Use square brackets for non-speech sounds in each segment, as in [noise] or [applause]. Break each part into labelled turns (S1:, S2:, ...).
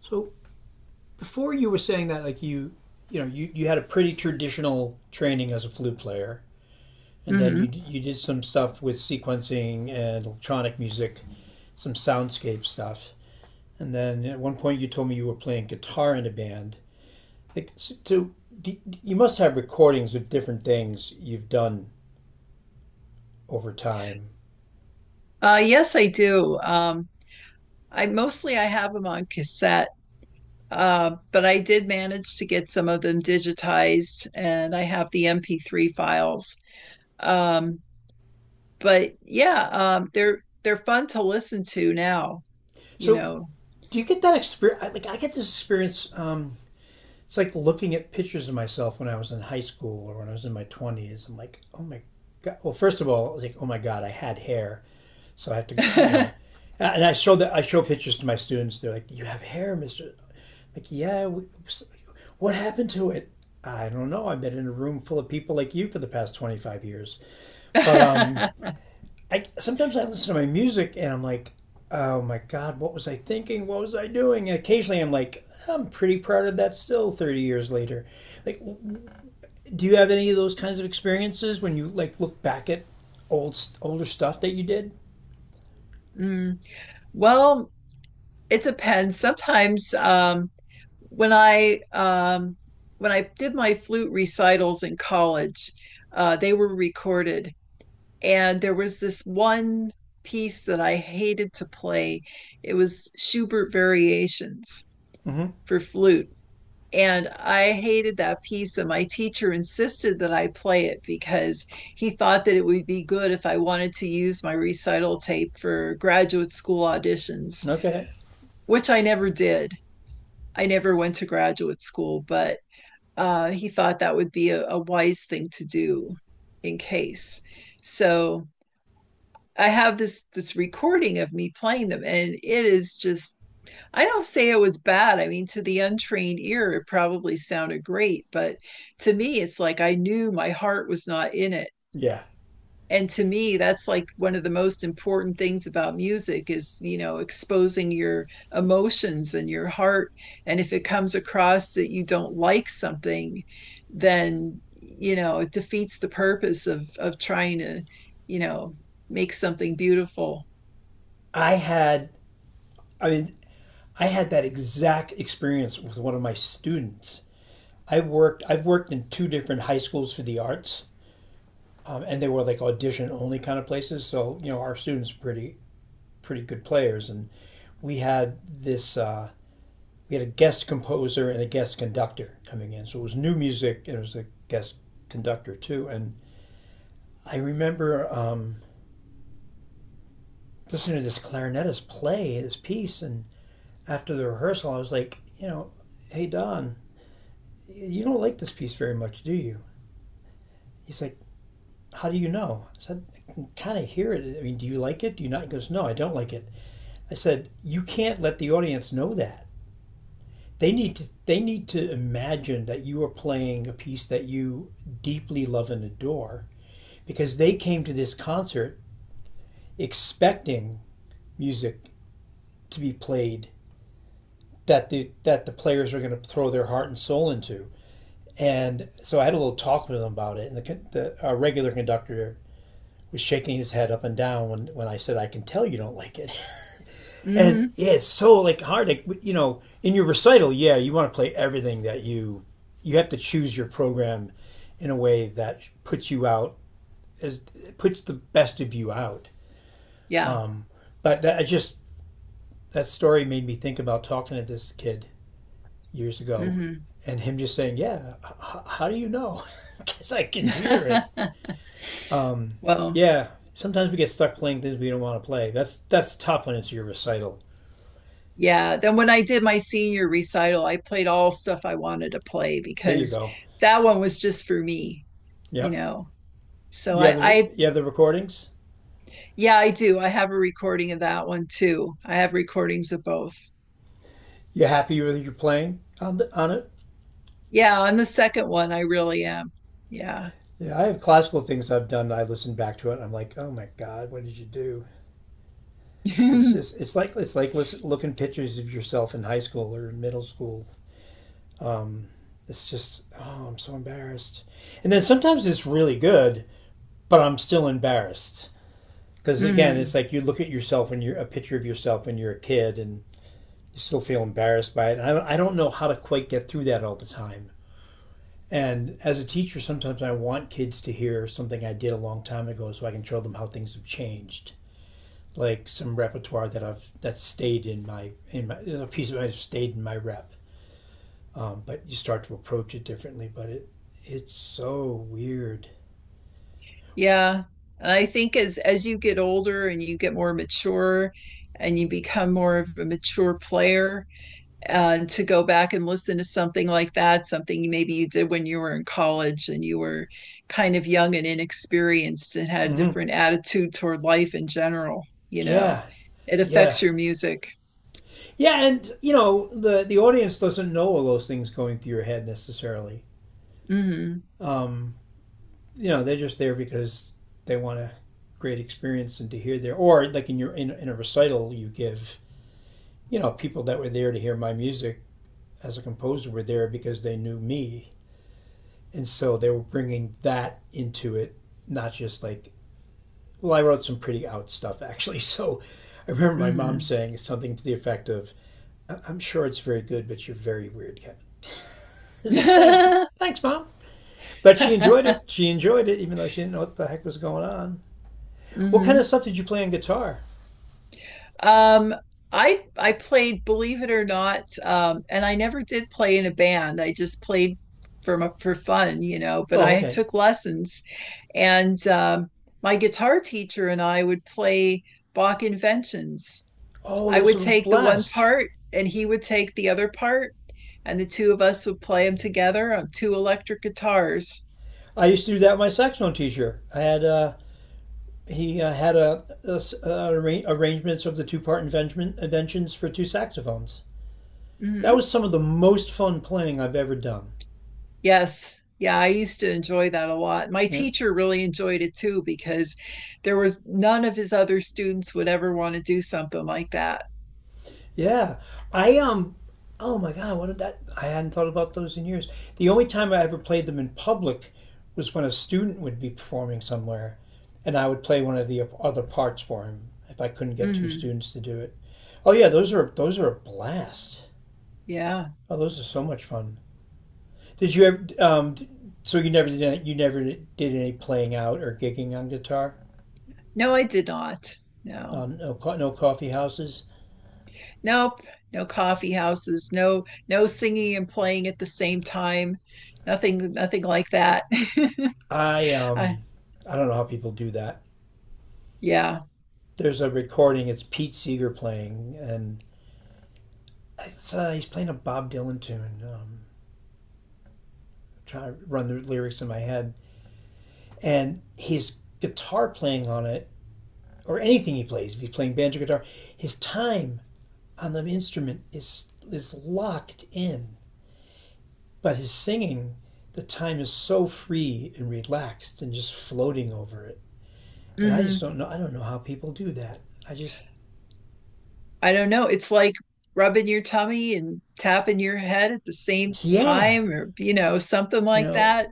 S1: So before you were saying that, like you had a pretty traditional training as a flute player, and then you
S2: Hmm.
S1: you did some stuff with sequencing and electronic music, some soundscape stuff, and then at 1 point you told me you were playing guitar in a band. So you must have recordings of different things you've done over time.
S2: Yes, I do. I mostly I have them on cassette, but I did manage to get some of them digitized, and I have the MP3 files. Um, but yeah, they're fun to listen to now, you
S1: So
S2: know.
S1: do you get that experience? Like I get this experience. It's like looking at pictures of myself when I was in high school or when I was in my 20s. I'm like, oh my God. Well, first of all, I was like, oh my God, I had hair. So I have to, you know,
S2: [laughs]
S1: and I show pictures to my students. They're like, you have hair, Mr. I'm like, yeah. What happened to it? I don't know. I've been in a room full of people like you for the past 25 years. But I sometimes I listen to my music and I'm like, oh my god, what was I thinking? What was I doing? And occasionally I'm like, I'm pretty proud of that still 30 years later. Like, do you have any of those kinds of experiences when you like look back at older stuff that you did?
S2: Mm. Well, it depends. Sometimes when I um, when I did my flute recitals in college, they were recorded, and there was this one piece that I hated to play. It was Schubert Variations for flute. And I hated that piece, and my teacher insisted that I play it because he thought that it would be good if I wanted to use my recital tape for graduate school auditions,
S1: Okay.
S2: which I never did. I never went to graduate school, but he thought that would be a wise thing to do in case. So I have this recording of me playing them, and it is just I don't say it was bad. I mean, to the untrained ear, it probably sounded great, but to me, it's like I knew my heart was not in it,
S1: Yeah.
S2: and to me that's like one of the most important things about music is, you know, exposing your emotions and your heart. And if it comes across that you don't like something, then, you know, it defeats the purpose of trying to you know make something beautiful.
S1: I had I mean, I had that exact experience with one of my students. I've worked in two different high schools for the arts. And they were like audition only kind of places. So, you know, our students were pretty good players, and we had this uh, we had a guest composer and a guest conductor coming in, so it was new music and it was a guest conductor too. And I remember listening to this clarinetist play this piece, and after the rehearsal, I was like, you know, hey Don, you don't like this piece very much, do you? He's like, how do you know? I said, I can kind of hear it. I mean, do you like it? Do you not? He goes, no, I don't like it. I said, you can't let the audience know that. They need to imagine that you are playing a piece that you deeply love and adore because they came to this concert expecting music to be played that the players are going to throw their heart and soul into. And so I had a little talk with them about it. And the our regular conductor was shaking his head up and down when I said I can tell you don't like it. And
S2: Hmm.
S1: yeah, it's so like hard. Like you know, in your recital, yeah, you want to play everything that you have to choose your program in a way that as puts the best of you out.
S2: Yeah.
S1: But that I just that story made me think about talking to this kid years ago,
S2: Hmm.
S1: and him just saying, "Yeah, how do you know? Because [laughs] I can hear it."
S2: [laughs] Well,
S1: Yeah, sometimes we get stuck playing things we don't want to play. That's tough when it's your recital.
S2: yeah, then when I did my senior recital, I played all stuff I wanted to play,
S1: There you
S2: because
S1: go.
S2: that one was just for me, you
S1: Yep.
S2: know. So
S1: You have
S2: I,
S1: the
S2: I,
S1: recordings.
S2: yeah, I do. I have a recording of that one too. I have recordings of both.
S1: You happy with your playing on on it?
S2: Yeah, on the second one, I really am. Yeah.
S1: Yeah, I have classical things I've done. I listen back to it. I'm like, oh my god, what did you do? It's
S2: [laughs]
S1: just it's like looking pictures of yourself in high school or in middle school. Um, it's just oh, I'm so embarrassed. And then sometimes it's really good, but I'm still embarrassed because again, it's
S2: Hmm.
S1: like you look at yourself and you're a picture of yourself when you're a kid, and you still feel embarrassed by it. And I don't know how to quite get through that all the time. And as a teacher, sometimes I want kids to hear something I did a long time ago so I can show them how things have changed. Like some repertoire that I've that stayed in my, a piece of it stayed in my rep. But you start to approach it differently. But it's so weird.
S2: Yeah. And I think as you get older and you get more mature, and you become more of a mature player, and to go back and listen to something like that, something maybe you did when you were in college and you were kind of young and inexperienced and had a
S1: hmm
S2: different attitude toward life in general, you know,
S1: Yeah,
S2: it
S1: yeah,
S2: affects your music.
S1: yeah. And you know the audience doesn't know all those things going through your head necessarily.
S2: Hmm.
S1: Um, you know they're just there because they want a great experience and to hear their, or like in your in a recital you give, you know, people that were there to hear my music as a composer were there because they knew me, and so they were bringing that into it, not just like, well, I wrote some pretty out stuff [laughs] actually. So I remember my mom
S2: Hmm.
S1: saying something to the effect of, "I am sure it's very good, but you're very weird, Kevin." It's like, thanks. Thanks mom. But she enjoyed it. She enjoyed it even though she didn't know what the heck was going on. What kind
S2: Hmm.
S1: of
S2: [laughs]
S1: stuff did you play on guitar?
S2: Um, I played, believe it or not, and I never did play in a band. I just played for my, for fun, you know, but
S1: Oh,
S2: I
S1: okay.
S2: took lessons. And my guitar teacher and I would play Bach inventions.
S1: Oh,
S2: I
S1: those
S2: would
S1: are a
S2: take the one
S1: blast.
S2: part and he would take the other part, and the two of us would play them together on two electric guitars.
S1: I used to do that with my saxophone teacher. I had he had a arrangements of the inventions for two saxophones. That
S2: Hmm.
S1: was some of the most fun playing I've ever done.
S2: Yes. Yeah, I used to enjoy that a lot. My
S1: Yeah.
S2: teacher really enjoyed it too, because there was none of his other students would ever want to do something like that.
S1: Yeah. I um oh my God, what did that I hadn't thought about those in years. The only time I ever played them in public was when a student would be performing somewhere and I would play one of the other parts for him if I couldn't get two
S2: Hmm.
S1: students to do it. Oh yeah, those are a blast.
S2: Yeah.
S1: Oh, those are so much fun. Did you ever so you never did you never did any playing out or gigging on guitar?
S2: No, I did not. No.
S1: No, no coffee houses.
S2: Nope, no coffee houses, no, no singing and playing at the same time, nothing nothing like that.
S1: I
S2: [laughs]
S1: um
S2: I,
S1: I don't know how people do that.
S2: yeah
S1: There's a recording. It's Pete Seeger playing, and it's, he's playing a Bob Dylan tune. Trying to run the lyrics in my head, and his guitar playing on it, or anything he plays, if he's playing banjo guitar, his time on the instrument is locked in, but his singing, the time is so free and relaxed and just floating over it. And I just
S2: Hmm.
S1: don't know. I don't know how people do that. I just
S2: I don't know, it's like rubbing your tummy and tapping your head at the same
S1: yeah,
S2: time, or you know something
S1: you
S2: like
S1: know,
S2: that.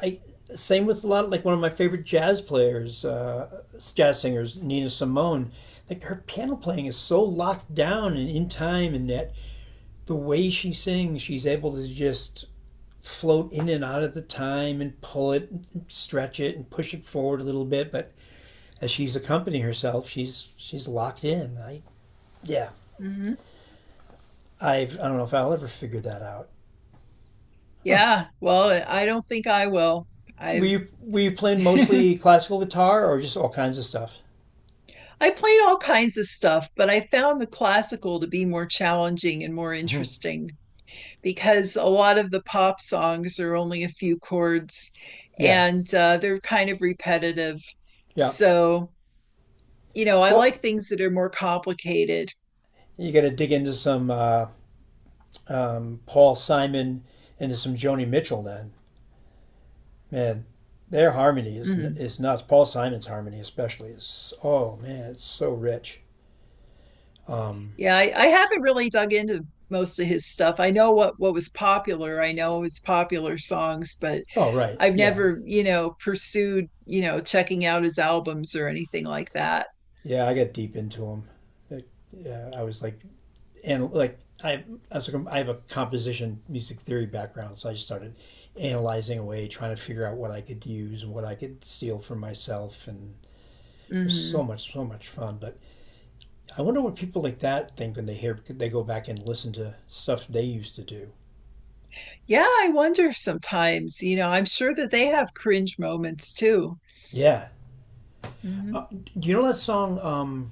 S1: I same with a lot of like one of my favorite jazz players, jazz singers, Nina Simone. Like her piano playing is so locked down and in time, and that the way she sings, she's able to just float in and out of the time and pull it, and stretch it, and push it forward a little bit. But as she's accompanying herself, she's locked in. I yeah,
S2: Hmm.
S1: I don't know if I'll ever figure that out.
S2: Yeah, well, I don't think I will. I've
S1: Were you playing
S2: [laughs]
S1: mostly classical guitar or just all kinds of stuff?
S2: I played all kinds of stuff, but I found the classical to be more challenging and more interesting, because a lot of the pop songs are only a few chords,
S1: Yeah,
S2: and they're kind of repetitive.
S1: yeah.
S2: So, you know, I
S1: Well,
S2: like things that are more complicated.
S1: you got to dig into some Paul Simon, into some Joni Mitchell. Then, man, their harmony is
S2: Mhm.
S1: is nuts. Paul Simon's harmony, especially, is oh man, it's so rich. Um,
S2: Yeah, I haven't really dug into most of his stuff. I know what was popular. I know his popular songs, but
S1: oh right,
S2: I've
S1: yeah,
S2: never, you know, pursued, you know, checking out his albums or anything like that.
S1: yeah. I got deep into them. It, yeah, I was like, and I have a composition music theory background, so I just started analyzing away, trying to figure out what I could use and what I could steal for myself, and it was
S2: Hmm.
S1: so much fun. But I wonder what people like that think when they go back and listen to stuff they used to do.
S2: Yeah, I wonder sometimes, you know, I'm sure that they have cringe moments too.
S1: Yeah,
S2: Hmm.
S1: do you know that song um,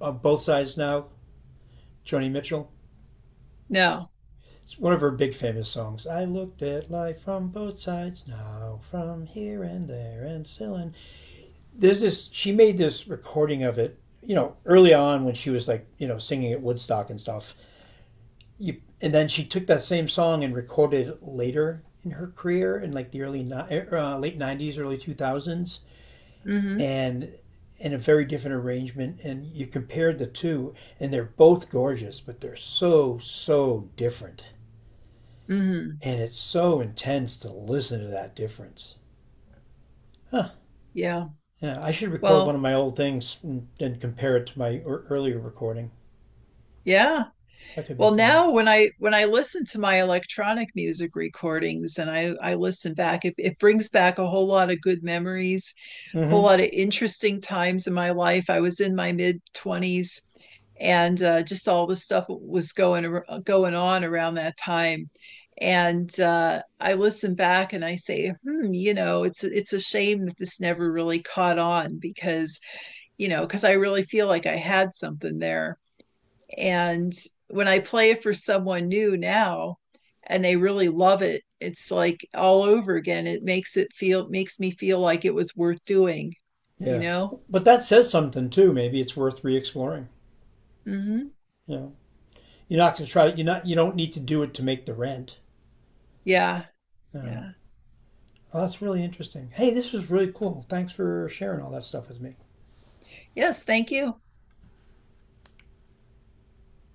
S1: uh, "Both Sides Now"? Joni Mitchell.
S2: No.
S1: It's one of her big famous songs. I looked at life from both sides now, from here and there and still, and there's this. She made this recording of it. You know, early on when she was like, you know, singing at Woodstock and stuff. And then she took that same song and recorded it later in her career in like the early late 90s, early 2000s,
S2: Hmm.
S1: and in a very different arrangement, and you compared the two and they're both gorgeous but they're so so different,
S2: Hmm.
S1: and it's so intense to listen to that difference. Huh.
S2: Yeah.
S1: Yeah, I should record one of
S2: Well,
S1: my old things and compare it to my earlier recording.
S2: yeah.
S1: That could be
S2: Well,
S1: fun.
S2: now when I listen to my electronic music recordings and I listen back, it brings back a whole lot of good memories,
S1: Mm
S2: a whole
S1: hmm
S2: lot of interesting times in my life. I was in my mid 20s, and just all the stuff was going on around that time. And I listen back and I say, hmm, you know, it's a shame that this never really caught on, because, you know, because I really feel like I had something there. And when I play it for someone new now and they really love it, it's like all over again. It makes it feel, makes me feel like it was worth doing, you
S1: yeah,
S2: know?
S1: but that says something too. Maybe it's worth re-exploring,
S2: Hmm.
S1: you know. You're not going to try it. You're not, you don't need to do it to make the rent.
S2: Yeah.
S1: No.
S2: Yeah.
S1: Well, that's really interesting. Hey, this was really cool. Thanks for sharing all that stuff with me.
S2: Yes. Thank you.